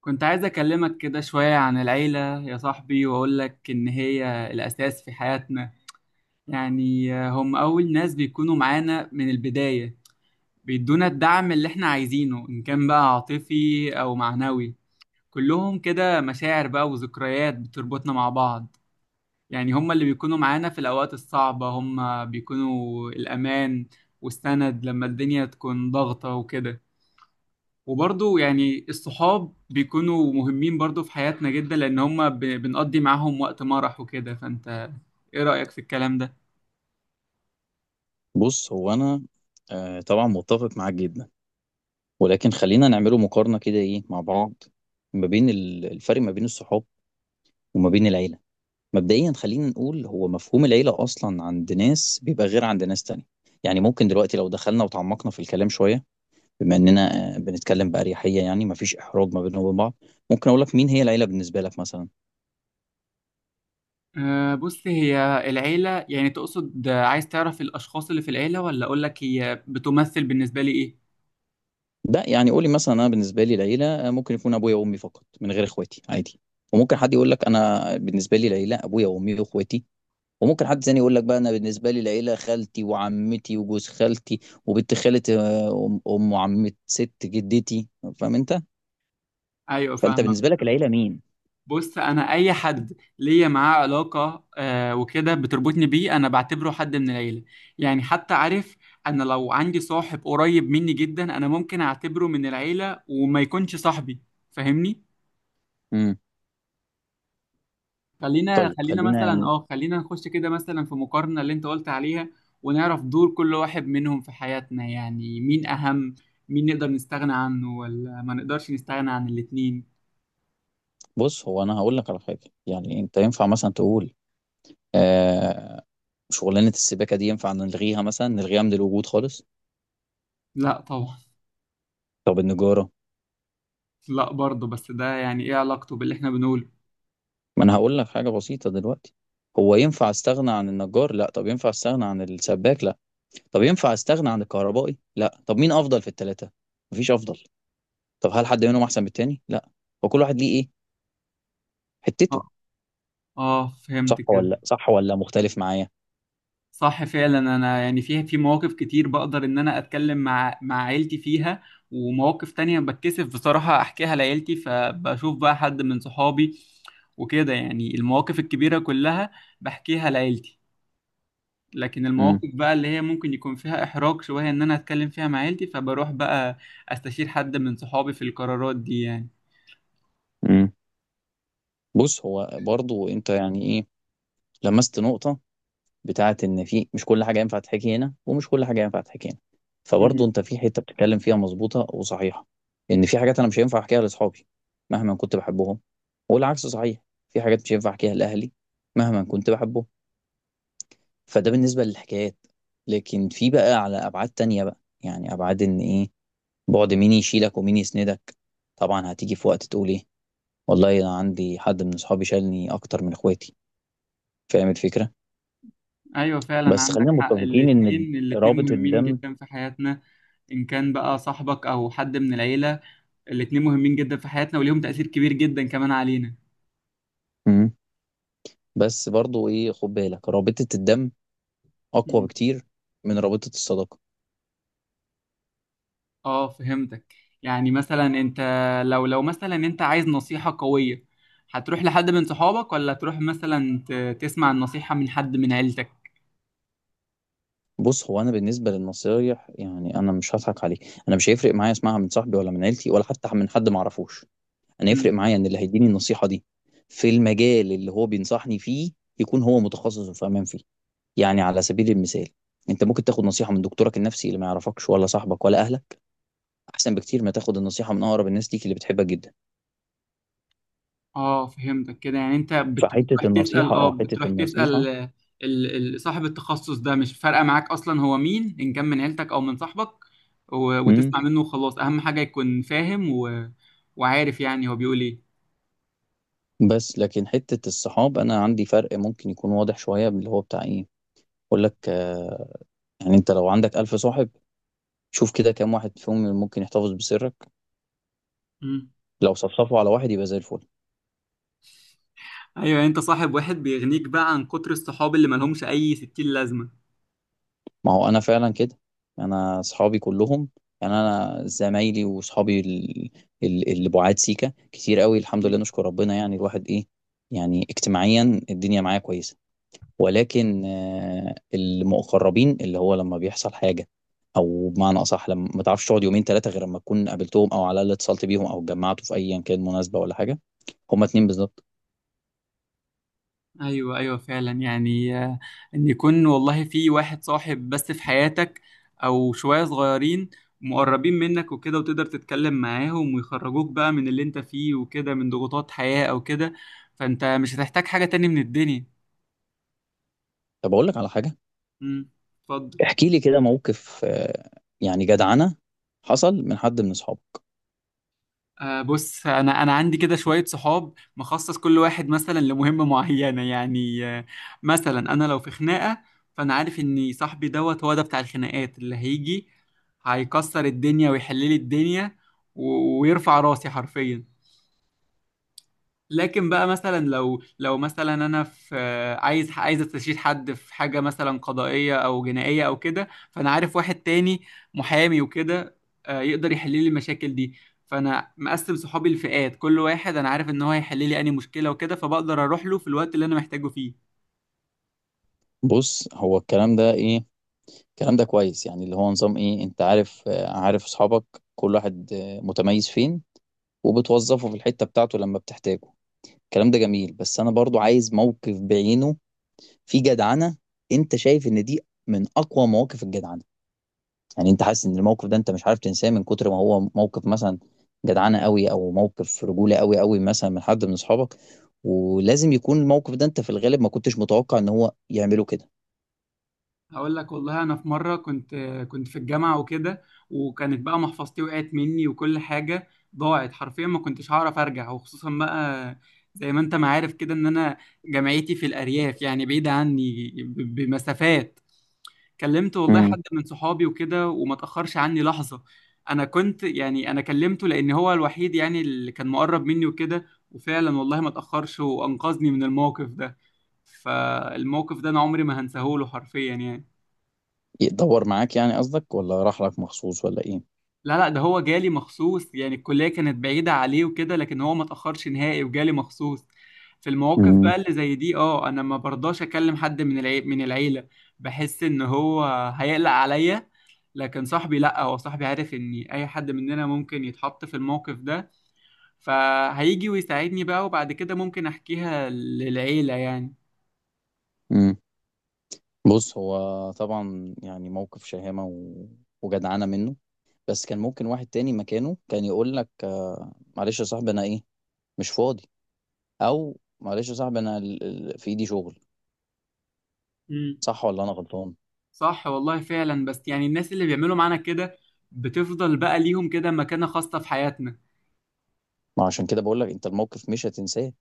كنت عايز أكلمك كده شوية عن العيلة يا صاحبي، وأقول لك إن هي الأساس في حياتنا. يعني هم أول ناس بيكونوا معانا من البداية، بيدونا الدعم اللي إحنا عايزينه، إن كان بقى عاطفي أو معنوي. كلهم كده مشاعر بقى وذكريات بتربطنا مع بعض. يعني هم اللي بيكونوا معانا في الأوقات الصعبة، هم بيكونوا الأمان والسند لما الدنيا تكون ضغطة وكده. وبرضو يعني الصحاب بيكونوا مهمين برضو في حياتنا جدا، لأن هما بنقضي معاهم وقت مرح وكده. فأنت إيه رأيك في الكلام ده؟ بص هو انا. طبعا متفق معاك جدا، ولكن خلينا نعمله مقارنه كده، ايه مع بعض؟ ما بين الفرق ما بين الصحاب وما بين العيله. مبدئيا خلينا نقول، هو مفهوم العيله اصلا عند ناس بيبقى غير عند ناس تانية. يعني ممكن دلوقتي لو دخلنا وتعمقنا في الكلام شويه، بما اننا بنتكلم باريحيه، يعني مفيش احراج ما بيننا وبين بعض، ممكن اقول لك مين هي العيله بالنسبه لك مثلا. أه، بص، هي العيلة يعني تقصد عايز تعرف الأشخاص اللي في العيلة، ولا أقولك هي بتمثل بالنسبة لي إيه؟ ده يعني، قولي مثلا، انا بالنسبه لي العيله ممكن يكون ابويا وامي فقط من غير اخواتي عادي. وممكن حد يقول لك انا بالنسبه لي العيله ابويا وامي واخواتي. وممكن حد تاني يقول لك بقى، انا بالنسبه لي العيله خالتي وعمتي وجوز خالتي وبنت خاله، ام أم وعمه ست جدتي. فاهم انت؟ أيوة، فانت فاهمك. بالنسبه لك العيله مين؟ بص، انا اي حد ليا معاه علاقه وكده بتربطني بيه، انا بعتبره حد من العيله. يعني حتى عارف، انا لو عندي صاحب قريب مني جدا، انا ممكن اعتبره من العيله وما يكونش صاحبي. فاهمني. امم. خلينا طيب خلينا خلينا مثلا، يعني، خلينا نخش كده مثلا في مقارنه اللي انت قلت عليها، ونعرف دور كل واحد منهم في حياتنا. يعني مين اهم، مين نقدر نستغنى عنه، ولا ما نقدرش نستغنى عن الاتنين. بص هو انا هقول لك على حاجه. يعني انت ينفع مثلا تقول، آه شغلانه السباكه دي ينفع نلغيها مثلا، نلغيها من الوجود خالص؟ لا طبعا. طب النجاره؟ لا برضه، بس ده يعني ايه علاقته باللي احنا بنقوله؟ ما انا هقول لك حاجه بسيطه دلوقتي. هو ينفع استغنى عن النجار؟ لا. طب ينفع استغنى عن السباك؟ لا. طب ينفع استغنى عن الكهربائي؟ لا. طب مين افضل في الثلاثه؟ مفيش افضل. طب هل حد منهم احسن من التاني؟ لا. وكل واحد ليه ايه؟ حتته. آه. اه، فهمت صح ولا لأ؟ كده. صح ولا مختلف معايا؟ صح فعلا، انا يعني فيها في مواقف كتير بقدر ان انا اتكلم مع عيلتي فيها، ومواقف تانية بتكسف بصراحة احكيها لعيلتي فبشوف بقى حد من صحابي وكده. يعني المواقف الكبيرة كلها بحكيها لعيلتي، لكن امم. المواقف بقى اللي هي ممكن يكون فيها احراج شوية ان انا اتكلم فيها مع عيلتي، فبروح بقى استشير حد من صحابي في القرارات دي امم. بص هو برضو انت يعني ايه، لمست نقطة بتاعت ان في، مش كل حاجة ينفع تحكي هنا ومش كل حاجة ينفع تحكي هنا. فبرضو يعني. انت في حتة بتتكلم فيها مظبوطة وصحيحة، ان في حاجات انا مش هينفع احكيها لاصحابي مهما كنت بحبهم، والعكس صحيح، في حاجات مش هينفع احكيها لاهلي مهما كنت بحبهم. فده بالنسبة للحكايات. لكن في بقى على ابعاد تانية بقى، يعني ابعاد ان ايه، بعد مين يشيلك ومين يسندك. طبعا هتيجي في وقت تقول ايه، والله انا عندي حد من اصحابي شالني اكتر من اخواتي. فاهم الفكره؟ ايوه فعلا، بس عندك خلينا حق، متفقين ان الاتنين الاتنين رابطه مهمين الدم، جدا في حياتنا، ان كان بقى صاحبك او حد من العيلة. الاتنين مهمين جدا في حياتنا وليهم تأثير كبير جدا كمان علينا. مم. بس برضو ايه، خد بالك، رابطه الدم اقوى مم. بكتير من رابطه الصداقه. اه، فهمتك. يعني مثلا انت، لو مثلا انت عايز نصيحة قوية، هتروح لحد من صحابك ولا تروح مثلا تسمع النصيحة من حد من عيلتك؟ بص هو انا بالنسبه للنصايح، يعني انا مش هضحك عليك، انا مش هيفرق معايا اسمعها من صاحبي ولا من عيلتي ولا حتى من حد ما اعرفوش. انا يفرق معايا ان اللي هيديني النصيحه دي في المجال اللي هو بينصحني فيه، يكون هو متخصص وفاهم فيه. يعني على سبيل المثال، انت ممكن تاخد نصيحة من دكتورك النفسي اللي ما يعرفكش، ولا صاحبك ولا اهلك، احسن بكتير ما تاخد النصيحة من اقرب الناس ليك اللي بتحبك جدا. اه، فهمتك كده. يعني انت بتروح فحتة تسأل، النصيحة، اه حتة النصيحة صاحب التخصص ده مش فارقة معاك اصلا هو مين، ان كان من عيلتك او من صاحبك، امم. وتسمع منه وخلاص. اهم حاجة يكون فاهم و... وعارف يعني هو بيقول ايه. بس لكن حتة الصحاب، انا عندي فرق ممكن يكون واضح شوية، اللي هو بتاع ايه، اقول لك يعني، انت لو عندك ألف صاحب، شوف كده كام واحد فيهم ممكن يحتفظ بسرك. مم. لو صفصفوا على واحد يبقى زي الفل. ايوه، يعني انت صاحب واحد بيغنيك بقى عن كتر الصحاب اللي ملهمش اي ستين لازمة. ما هو انا فعلا كده. انا اصحابي كلهم، يعني انا زمايلي واصحابي اللي بعاد سيكا كتير قوي، الحمد لله نشكر ربنا، يعني الواحد ايه، يعني اجتماعيا الدنيا معايا كويسه. ولكن المقربين، اللي هو لما بيحصل حاجه، او بمعنى اصح لما ما تعرفش تقعد يومين ثلاثه غير لما تكون قابلتهم، او على الاقل اتصلت بيهم، او اتجمعتوا في ايا كان مناسبه ولا حاجه، هما اتنين بالظبط. ايوه ايوه فعلا، يعني ان يكون والله في واحد صاحب بس في حياتك، او شويه صغيرين مقربين منك وكده، وتقدر تتكلم معاهم ويخرجوك بقى من اللي انت فيه وكده، من ضغوطات حياه او كده، فانت مش هتحتاج حاجه تاني من الدنيا. طب اقول لك على حاجه. امم. اتفضل. احكي لي كده موقف يعني جدعنه حصل من حد من اصحابك. بص، انا عندي كده شويه صحاب مخصص، كل واحد مثلا لمهمه معينه. يعني آه، مثلا انا لو في خناقه، فانا عارف ان صاحبي دوت هو ده بتاع الخناقات، اللي هيجي هيكسر الدنيا ويحل لي الدنيا، ويرفع راسي حرفيا. لكن بقى مثلا، لو مثلا انا في، عايز استشير حد في حاجه مثلا قضائيه او جنائيه او كده، فانا عارف واحد تاني محامي وكده، آه، يقدر يحل لي المشاكل دي. فانا مقسم صحابي لفئات، كل واحد انا عارف ان هو هيحل لي اني مشكله وكده، فبقدر اروح له في الوقت اللي انا محتاجه فيه. بص هو الكلام ده ايه، الكلام ده كويس، يعني اللي هو نظام ايه، انت عارف عارف اصحابك، كل واحد متميز فين، وبتوظفه في الحتة بتاعته لما بتحتاجه. الكلام ده جميل، بس انا برضو عايز موقف بعينه في جدعنة. انت شايف ان دي من اقوى مواقف الجدعنة؟ يعني انت حاسس ان الموقف ده انت مش عارف تنساه من كتر ما هو موقف مثلا جدعنة قوي، او موقف رجولة قوي قوي مثلا من حد من اصحابك؟ ولازم يكون الموقف ده انت في الغالب ما كنتش متوقع ان هو يعمله كده. هقول لك والله، انا في مره كنت، كنت في الجامعه وكده، وكانت بقى محفظتي وقعت مني وكل حاجه ضاعت حرفيا، ما كنتش هعرف ارجع، وخصوصا بقى زي ما انت ما عارف كده ان انا جامعتي في الارياف يعني بعيده عني بمسافات. كلمت والله حد من صحابي وكده، وما تاخرش عني لحظه. انا كنت يعني انا كلمته لان هو الوحيد يعني اللي كان مقرب مني وكده، وفعلا والله ما تاخرش وانقذني من الموقف ده. فالموقف ده انا عمري ما هنساهوله حرفيا يعني. يدور معاك يعني قصدك، ولا راح لك مخصوص، ولا ايه؟ لا لا، ده هو جالي مخصوص يعني، الكلية كانت بعيدة عليه وكده، لكن هو ما تأخرش نهائي وجالي مخصوص. في المواقف مم. بقى اللي زي دي، اه، انا ما برضاش اكلم حد من من العيلة. بحس ان هو هيقلق عليا. لكن صاحبي لا، هو صاحبي عارف ان اي حد مننا ممكن يتحط في الموقف ده، فهيجي ويساعدني بقى، وبعد كده ممكن احكيها للعيلة يعني. امم. بص هو طبعا يعني موقف شهامة و... وجدعانة منه. بس كان ممكن واحد تاني مكانه كان يقول لك معلش يا صاحبي، انا ايه، مش فاضي. او معلش يا صاحبي، انا في ايدي شغل. امم. صح ولا انا غلطان؟ صح والله فعلا، بس يعني الناس اللي بيعملوا معانا كده بتفضل بقى ليهم كده مكانة خاصة في حياتنا. ما عشان كده بقول لك انت الموقف مش هتنساه.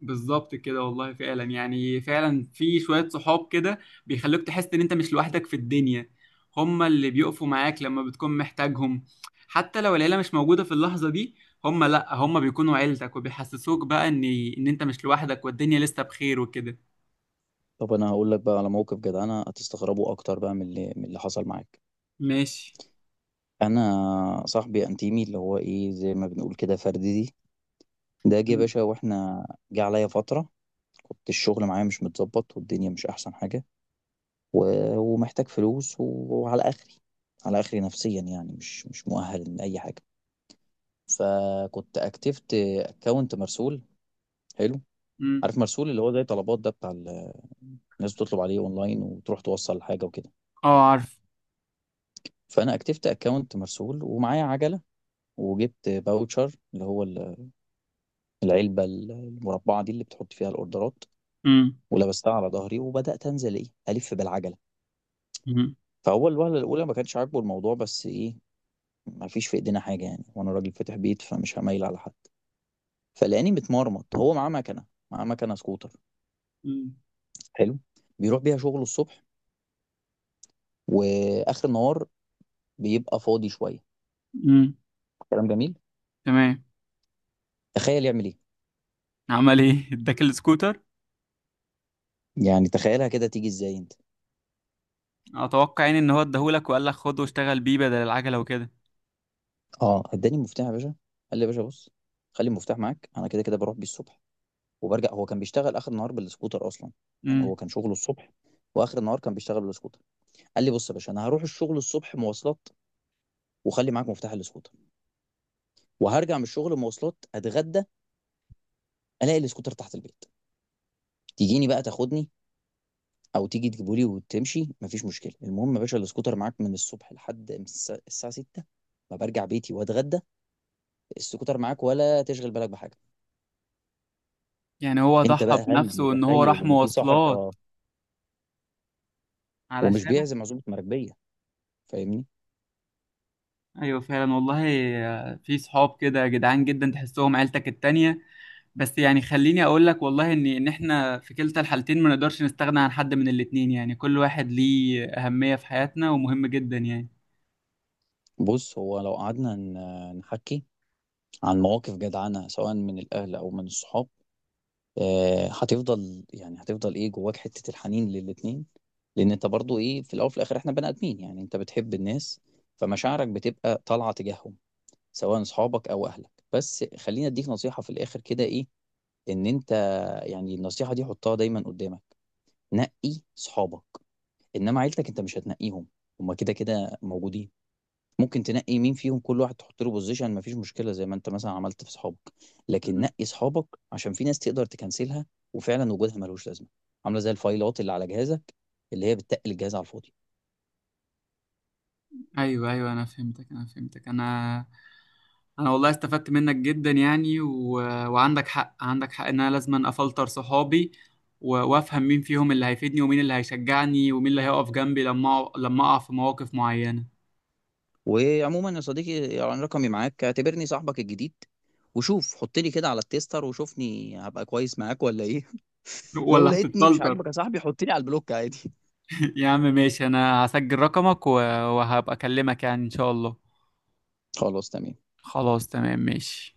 بالظبط كده والله، فعلا يعني، فعلا في شوية صحاب كده بيخلوك تحس ان انت مش لوحدك في الدنيا، هما اللي بيقفوا معاك لما بتكون محتاجهم، حتى لو العيلة مش موجودة في اللحظة دي. هما لا، هما بيكونوا عيلتك وبيحسسوك بقى ان ان انت مش لوحدك والدنيا لسه بخير وكده. طب انا هقول لك بقى على موقف جدعانة هتستغربه اكتر بقى من اللي حصل معاك. ماشي. انا صاحبي انتيمي اللي هو ايه، زي ما بنقول كده، فردي، ده جه يا م- باشا واحنا، جه عليا فترة، كنت الشغل معايا مش متظبط، والدنيا مش أحسن حاجة، و... ومحتاج فلوس، وعلى آخري، على آخري نفسيا يعني، مش مؤهل لأي حاجة. فكنت أكتفت أكونت مرسول. حلو. م- عارف مرسول؟ اللي هو زي طلبات ده، بتاع الناس بتطلب عليه أونلاين وتروح توصل حاجة وكده. اه، عارف. فأنا أكتفت أكونت مرسول ومعايا عجلة. وجبت باوتشر، اللي هو العلبة المربعة دي اللي بتحط فيها الأوردرات، امم. ولبستها على ظهري وبدأت أنزل إيه، ألف بالعجلة. امم. فهو الوهلة الأولى ما كانش عاجبه الموضوع، بس إيه، ما فيش في إيدينا حاجة يعني، وأنا راجل فاتح بيت، فمش هميل على حد. فلقاني متمرمط، هو معاه مكنة، معاه مكنة سكوتر. م. حلو. بيروح بيها شغله الصبح، وآخر النهار بيبقى فاضي شوية. امم. كلام جميل. تمام. تخيل يعمل إيه. عمل ايه اداك السكوتر؟ يعني تخيلها كده، تيجي إزاي أنت. اتوقع يعني ان هو اداهولك وقال لك خد واشتغل بيه بدل العجله وكده. أه، إداني المفتاح يا باشا. قال لي يا باشا، بص، خلي المفتاح معاك، أنا كده كده بروح بيه الصبح وبرجع. هو كان بيشتغل آخر النهار بالسكوتر أصلا، يعني هو كان شغله الصبح، واخر النهار كان بيشتغل بالسكوتر. قال لي، بص يا باشا، انا هروح الشغل الصبح مواصلات، وخلي معاك مفتاح الاسكوتر، وهرجع من الشغل مواصلات، اتغدى، الاقي الاسكوتر تحت البيت، تيجيني بقى تاخدني، او تيجي تجيبه لي وتمشي، مفيش مشكله. المهم يا باشا الاسكوتر معاك من الصبح لحد الساعه 6، ما برجع بيتي واتغدى، السكوتر معاك ولا تشغل بالك بحاجه. يعني هو انت ضحى بقى هل بنفسه ان هو متخيل راح ان في صاحب، مواصلات اه، ومش علشانك. بيعزم عزومه مراكبيه؟ فاهمني؟ ايوه فعلا والله، آه، في صحاب كده جدعان جدا تحسهم عيلتك التانية. بس يعني خليني اقول لك والله ان ان احنا في كلتا الحالتين ما نقدرش نستغنى عن حد من الاتنين. يعني كل واحد ليه اهمية في حياتنا ومهم جدا يعني. بص هو لو قعدنا نحكي عن مواقف جدعانه سواء من الاهل او من الصحاب، هتفضل يعني هتفضل ايه، جواك حتة الحنين للاتنين. لان انت برضو ايه، في الاول وفي الاخر احنا بني ادمين، يعني انت بتحب الناس، فمشاعرك بتبقى طالعة تجاههم، سواء اصحابك او اهلك. بس خليني اديك نصيحة في الاخر كده، ايه، ان انت، يعني النصيحة دي حطها دايما قدامك، نقي صحابك. انما عيلتك انت مش هتنقيهم، هما كده كده موجودين. ممكن تنقي مين فيهم، كل واحد تحط له بوزيشن، مفيش مشكله، زي ما انت مثلا عملت في صحابك. لكن نقي صحابك، عشان في ناس تقدر تكنسلها، وفعلا وجودها ملوش لازمه، عامله زي الفايلات اللي على جهازك، اللي هي بتتقل الجهاز على الفاضي. ايوه ايوه، انا فهمتك. انا انا والله استفدت منك جدا يعني و... وعندك حق، عندك حق ان انا لازم افلتر صحابي و... وافهم مين فيهم اللي هيفيدني، ومين اللي هيشجعني، ومين اللي هيقف جنبي لما لما اقع في مواقف معينة. وعموما يا صديقي يعني، رقمي معاك، اعتبرني صاحبك الجديد، وشوف، حط لي كده على التيستر، وشوفني هبقى كويس معاك ولا ايه. لو ولا لقيتني مش هتتفلتر. عاجبك يا صاحبي، حط لي على البلوك عادي. يا عم ماشي، انا هسجل رقمك و... وهبقى اكلمك يعني ان شاء الله. خلاص، تمام. خلاص تمام. ماشي.